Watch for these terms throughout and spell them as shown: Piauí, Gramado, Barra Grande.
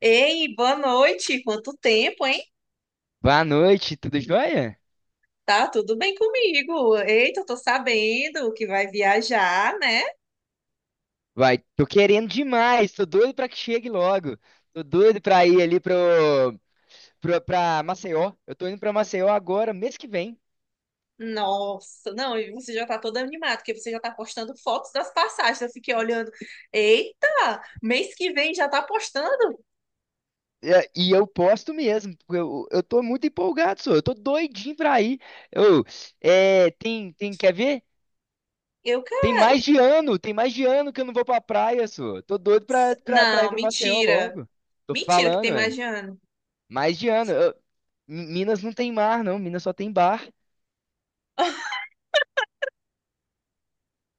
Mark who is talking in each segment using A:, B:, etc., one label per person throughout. A: Ei, boa noite. Quanto tempo, hein?
B: Boa noite, tudo jóia?
A: Tá tudo bem comigo? Eita, eu tô sabendo que vai viajar, né?
B: Vai, tô querendo demais, tô doido pra que chegue logo. Tô doido pra ir ali pra Maceió. Eu tô indo pra Maceió agora, mês que vem.
A: Nossa, não, e você já tá toda animada, porque você já tá postando fotos das passagens. Eu fiquei olhando. Eita, mês que vem já tá postando?
B: É, e eu posto mesmo, porque eu tô muito empolgado, só. Eu tô doidinho pra ir. Eu, tem, quer ver?
A: Eu
B: Tem
A: quero.
B: mais de ano, tem mais de ano que eu não vou pra praia, só. Tô doido pra ir
A: Não,
B: pra Maceió
A: mentira.
B: logo. Tô
A: Mentira que
B: falando,
A: tem mais
B: é.
A: de ano.
B: Mais de ano. Minas não tem mar, não. Minas só tem bar.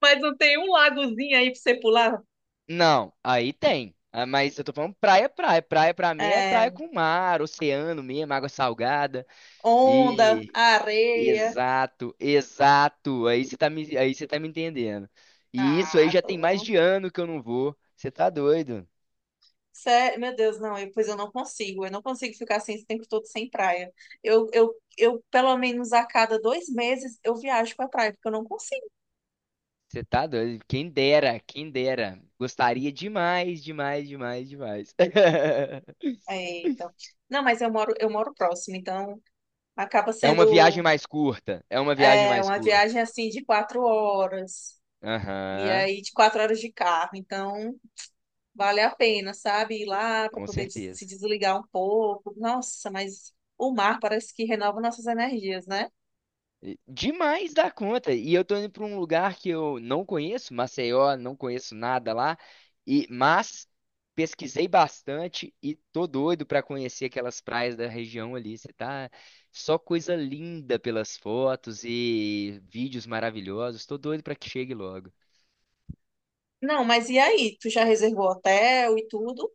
A: Mas não tem um lagozinho aí pra você pular?
B: Não, aí tem. Ah, mas eu tô falando praia, praia. Praia pra mim é
A: É,
B: praia com mar, oceano mesmo, água salgada.
A: onda,
B: E
A: areia.
B: exato, exato. Aí você tá me entendendo. E isso aí
A: Ah,
B: já tem mais
A: tô.
B: de ano que eu não vou. Você tá doido?
A: Sério, meu Deus, não, pois eu não consigo ficar assim esse tempo todo sem praia. Pelo menos a cada 2 meses, eu viajo pra praia, porque eu não consigo.
B: Você tá doido? Quem dera, quem dera. Gostaria demais, demais, demais, demais.
A: É, então. Não, mas eu moro próximo, então acaba
B: É uma viagem
A: sendo
B: mais curta. É uma viagem
A: é,
B: mais
A: uma
B: curta.
A: viagem assim de 4 horas, e
B: Aham,
A: aí de 4 horas de carro, então vale a pena, sabe? Ir lá pra
B: com
A: poder se
B: certeza.
A: desligar um pouco. Nossa, mas o mar parece que renova nossas energias, né?
B: Demais da conta. E eu tô indo pra um lugar que eu não conheço, Maceió, não conheço nada lá. Mas pesquisei bastante e tô doido pra conhecer aquelas praias da região ali. Você tá Só coisa linda pelas fotos e vídeos maravilhosos. Tô doido pra que chegue logo.
A: Não, mas e aí? Tu já reservou hotel e tudo?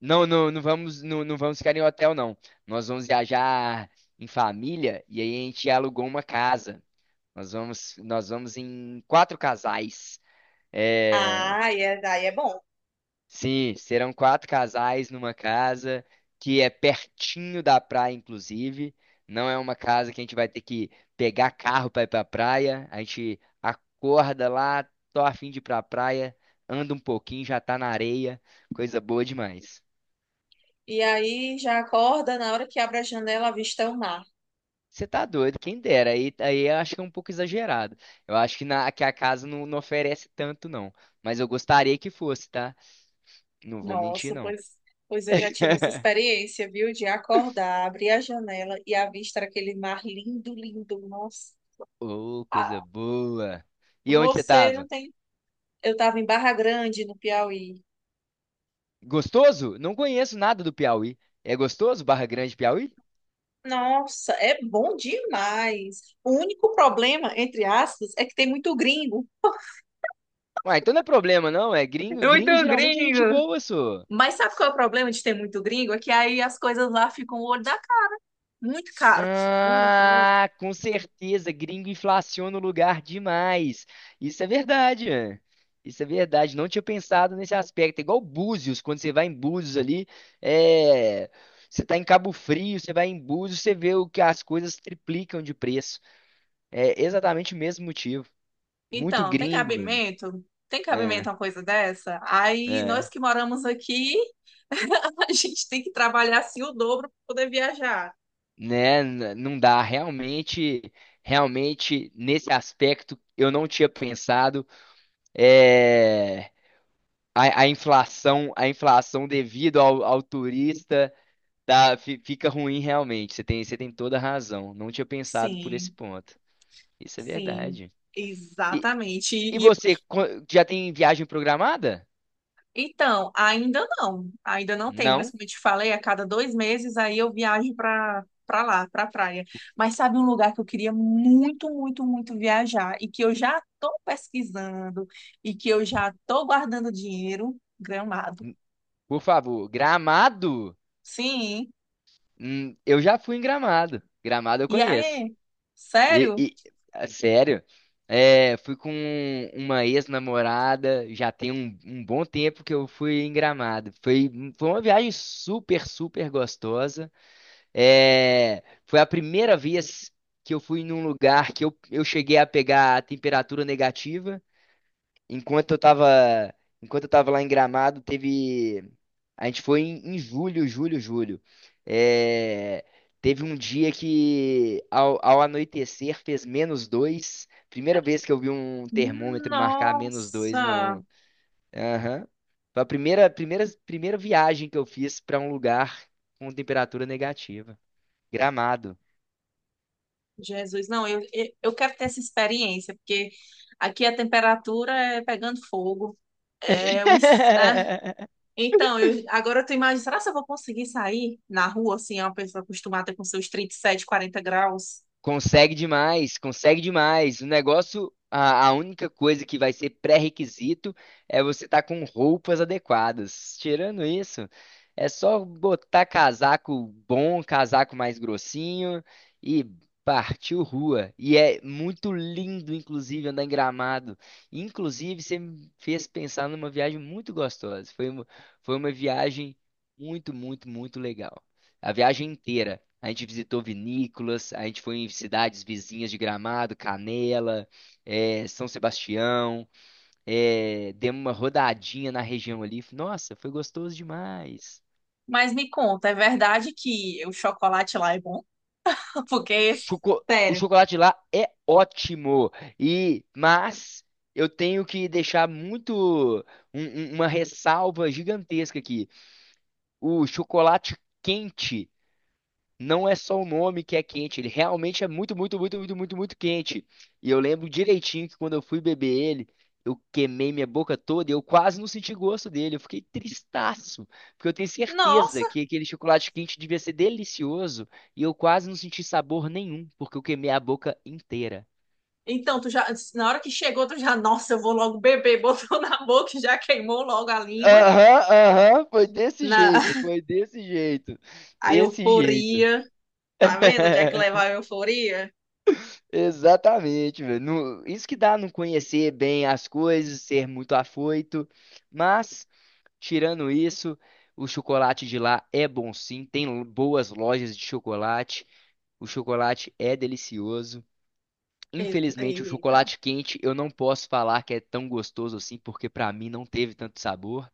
B: Não, não vamos ficar em hotel, não. Nós vamos viajar em família, e aí a gente alugou uma casa. Nós vamos em quatro casais. É,
A: Ah, e é, daí é bom.
B: Sim, serão quatro casais numa casa que é pertinho da praia, inclusive. Não é uma casa que a gente vai ter que pegar carro para ir para praia. A gente acorda lá, tô a fim de ir para praia, anda um pouquinho, já tá na areia, coisa boa demais.
A: E aí já acorda, na hora que abre a janela, avista o mar.
B: Você tá doido, quem dera. Aí eu acho que é um pouco exagerado. Eu acho que, que a casa não oferece tanto, não. Mas eu gostaria que fosse, tá? Não vou mentir,
A: Nossa,
B: não.
A: pois, pois eu já tive essa experiência, viu? De acordar, abrir a janela e avistar aquele mar lindo, lindo. Nossa,
B: Ô, coisa
A: ah,
B: boa. E onde você
A: você não
B: tava?
A: tem. Eu estava em Barra Grande, no Piauí.
B: Gostoso? Não conheço nada do Piauí. É gostoso, Barra Grande, Piauí?
A: Nossa, é bom demais. O único problema, entre aspas, é que tem muito gringo.
B: Ué, então não é problema, não. É gringo.
A: Muito
B: Gringo geralmente é gente
A: gringo.
B: boa, só.
A: Mas sabe qual é o problema de ter muito gringo? É que aí as coisas lá ficam o olho da muito caro. Muito, muito.
B: Ah, com certeza. Gringo inflaciona o lugar demais. Isso é verdade. É. Isso é verdade. Não tinha pensado nesse aspecto. É igual Búzios, quando você vai em Búzios ali, é. Você tá em Cabo Frio, você vai em Búzios, você vê o que as coisas triplicam de preço. É exatamente o mesmo motivo. Muito
A: Então, tem
B: gringo, mano.
A: cabimento? Tem cabimento
B: É,
A: uma coisa dessa? Aí, nós
B: é.
A: que moramos aqui, a gente tem que trabalhar assim o dobro para poder viajar.
B: Né? Não dá, realmente, nesse aspecto eu não tinha pensado. É, a inflação devido ao turista, tá, fica ruim realmente. Você tem toda a razão. Não tinha pensado por esse
A: Sim,
B: ponto. Isso é
A: sim,
B: verdade. E,
A: exatamente.
B: e
A: E,
B: você já tem viagem programada?
A: então, ainda não tenho, mas
B: Não?
A: como eu te falei, a cada dois meses aí eu viajo para lá, para praia. Mas sabe um lugar que eu queria muito, muito, muito viajar e que eu já estou pesquisando e que eu já estou guardando dinheiro? Gramado.
B: Por favor, Gramado?
A: Sim.
B: Eu já fui em Gramado. Gramado eu
A: E
B: conheço.
A: aí?
B: E,
A: Sério?
B: e- ah, sério, fui com uma ex-namorada, já tem um bom tempo que eu fui em Gramado. Foi uma viagem super, super gostosa. É, foi a primeira vez que eu fui num lugar que eu cheguei a pegar a temperatura negativa. Enquanto eu tava, enquanto eu tava lá em Gramado, teve. A gente foi em julho, julho, julho. É, teve um dia que, ao anoitecer, fez -2. Primeira vez que eu vi um termômetro marcar -2,
A: Nossa,
B: no. Aham. Foi a primeira, primeira, primeira viagem que eu fiz para um lugar com temperatura negativa. Gramado.
A: Jesus, não, eu quero ter essa experiência, porque aqui a temperatura é pegando fogo. É, Então, eu, agora eu tô imaginando, será que eu vou conseguir sair na rua, assim, é uma pessoa acostumada com seus 37, 40 graus?
B: Consegue demais, consegue demais. O negócio, a única coisa que vai ser pré-requisito é você estar com roupas adequadas. Tirando isso, é só botar casaco bom, casaco mais grossinho, e partiu rua. E é muito lindo, inclusive, andar em Gramado. Inclusive, você me fez pensar numa viagem muito gostosa. Foi uma viagem muito, muito, muito legal, a viagem inteira. A gente visitou vinícolas, a gente foi em cidades vizinhas de Gramado, Canela, São Sebastião, demos uma rodadinha na região ali. Nossa, foi gostoso demais.
A: Mas me conta, é verdade que o chocolate lá é bom? Porque,
B: O
A: sério,
B: chocolate de lá é ótimo, mas eu tenho que deixar muito uma ressalva gigantesca aqui. O chocolate quente não é só o nome que é quente, ele realmente é muito, muito, muito, muito, muito, muito quente. E eu lembro direitinho que quando eu fui beber ele, eu queimei minha boca toda e eu quase não senti gosto dele. Eu fiquei tristaço, porque eu tenho
A: nossa!
B: certeza que aquele chocolate quente devia ser delicioso, e eu quase não senti sabor nenhum, porque eu queimei a boca inteira.
A: Então, tu já, na hora que chegou, tu já, nossa, eu vou logo beber, botou na boca, e já queimou logo a língua,
B: Aham, aham,
A: na
B: foi desse jeito,
A: a
B: desse jeito.
A: euforia. Tá vendo onde é que leva a euforia?
B: Exatamente, velho. Isso que dá não conhecer bem as coisas, ser muito afoito. Mas, tirando isso, o chocolate de lá é bom sim. Tem boas lojas de chocolate. O chocolate é delicioso. Infelizmente, o
A: Eita.
B: chocolate quente eu não posso falar que é tão gostoso assim, porque pra mim não teve tanto sabor.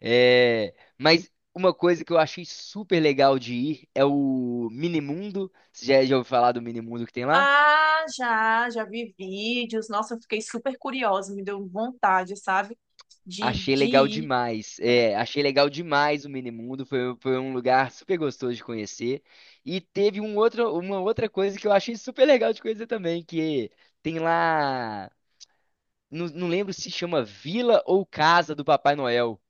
B: É, mas uma coisa que eu achei super legal de ir é o Minimundo. Você já ouviu falar do Minimundo que tem lá?
A: Ah, já, já vi vídeos. Nossa, eu fiquei super curiosa, me deu vontade, sabe?
B: Achei
A: De
B: legal
A: ir.
B: demais. É, achei legal demais o Minimundo. Foi um lugar super gostoso de conhecer. E teve uma outra coisa que eu achei super legal de conhecer também, que tem lá. Não, não lembro se chama Vila ou Casa do Papai Noel.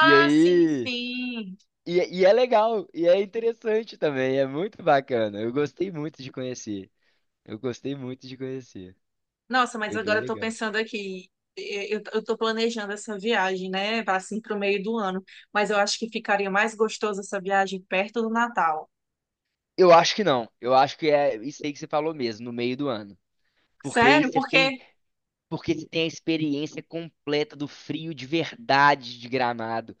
B: E
A: sim,
B: aí.
A: sim.
B: E, e é legal, e é interessante também, é muito bacana. Eu gostei muito de conhecer. Eu gostei muito de conhecer.
A: Nossa, mas
B: Foi
A: agora
B: bem
A: eu tô
B: legal.
A: pensando aqui, eu tô planejando essa viagem, né, pra, assim pro meio do ano, mas eu acho que ficaria mais gostoso essa viagem perto do Natal.
B: Eu acho que não. Eu acho que é isso aí que você falou mesmo, no meio do ano. Porque aí
A: Sério?
B: você tem
A: Porque,
B: Porque você tem a experiência completa do frio de verdade de Gramado.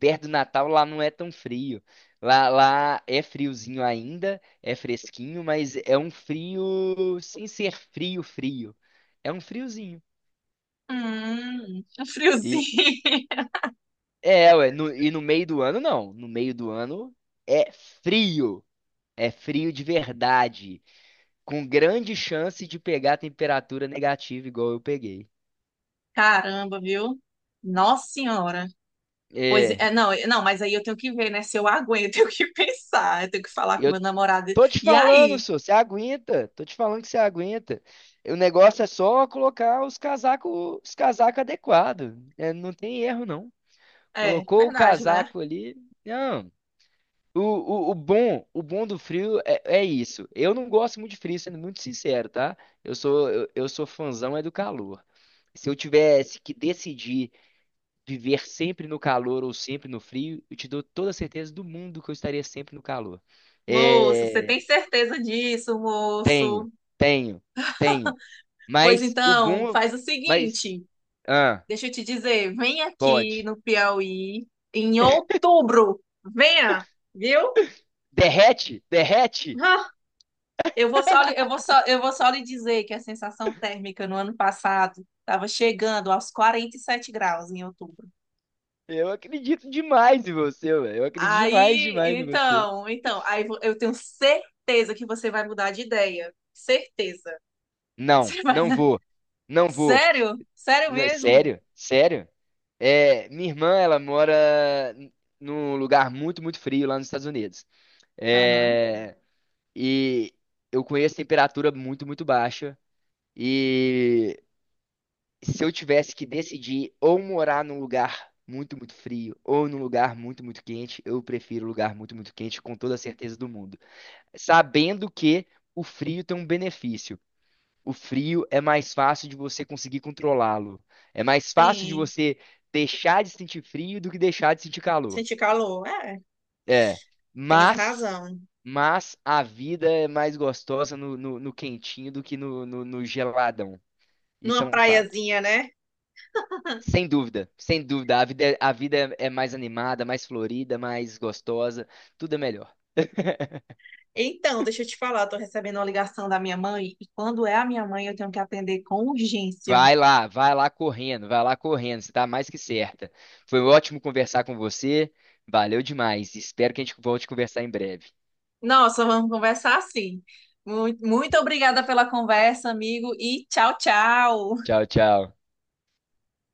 B: Perto do Natal lá não é tão frio. Lá é friozinho ainda, é fresquinho, mas é um frio sem ser frio, frio. É um friozinho.
A: um friozinho.
B: E ué, e no meio do ano não. No meio do ano é frio. É frio de verdade, com grande chance de pegar a temperatura negativa igual eu peguei.
A: Caramba, viu? Nossa Senhora. Pois
B: É,
A: é, não, não, mas aí eu tenho que ver, né, se eu aguento, eu tenho que pensar, eu tenho que falar com
B: eu
A: meu namorado.
B: Tô te
A: E
B: falando,
A: aí?
B: senhor, você aguenta. Tô te falando que você aguenta. O negócio é só colocar os casacos adequados. É, não tem erro, não.
A: É,
B: Colocou o
A: verdade, né?
B: casaco ali. Não. O bom do frio é isso. Eu não gosto muito de frio, sendo muito sincero, tá? Eu sou fãzão é do calor. Se eu tivesse que decidir viver sempre no calor ou sempre no frio, eu te dou toda a certeza do mundo que eu estaria sempre no calor.
A: Moço, você tem
B: É,
A: certeza disso,
B: tenho,
A: moço?
B: tenho, tenho.
A: Pois
B: Mas o
A: então,
B: boom.
A: faz o
B: Mas.
A: seguinte.
B: Ah,
A: Deixa eu te dizer, vem aqui
B: pode.
A: no Piauí em outubro. Venha, viu?
B: Derrete? Derrete?
A: Ah, eu vou só, eu vou só, eu vou só lhe dizer que a sensação térmica no ano passado estava chegando aos 47 graus em outubro.
B: Eu acredito demais em você, velho. Eu acredito demais,
A: Aí,
B: demais em você.
A: então, então, eu tenho certeza que você vai mudar de ideia. Certeza.
B: Não,
A: Você vai...
B: não vou. Não vou.
A: Sério? Sério mesmo?
B: Sério? Sério? É, minha irmã, ela mora num lugar muito, muito frio lá nos Estados Unidos.
A: Aham.
B: É, e eu conheço temperatura muito, muito baixa. E se eu tivesse que decidir ou morar num lugar muito, muito frio ou num lugar muito, muito quente, eu prefiro lugar muito, muito quente com toda a certeza do mundo. Sabendo que o frio tem um benefício. O frio é mais fácil de você conseguir controlá-lo. É mais fácil de
A: Sim,
B: você deixar de sentir frio do que deixar de sentir calor.
A: senti calor. É,
B: É.
A: tens
B: Mas,
A: razão.
B: mas a vida é mais gostosa no quentinho do que no geladão. Isso é
A: Numa
B: um fato.
A: praiazinha, né?
B: Sem dúvida, sem dúvida. A vida é mais animada, mais florida, mais gostosa. Tudo é melhor.
A: Então, deixa eu te falar, eu tô recebendo uma ligação da minha mãe e quando é a minha mãe eu tenho que atender com urgência.
B: Vai lá correndo, vai lá correndo. Você tá mais que certa. Foi ótimo conversar com você. Valeu demais. Espero que a gente volte a conversar em breve.
A: Nossa, vamos conversar sim. Muito, muito obrigada pela conversa, amigo, e tchau, tchau.
B: Tchau, tchau.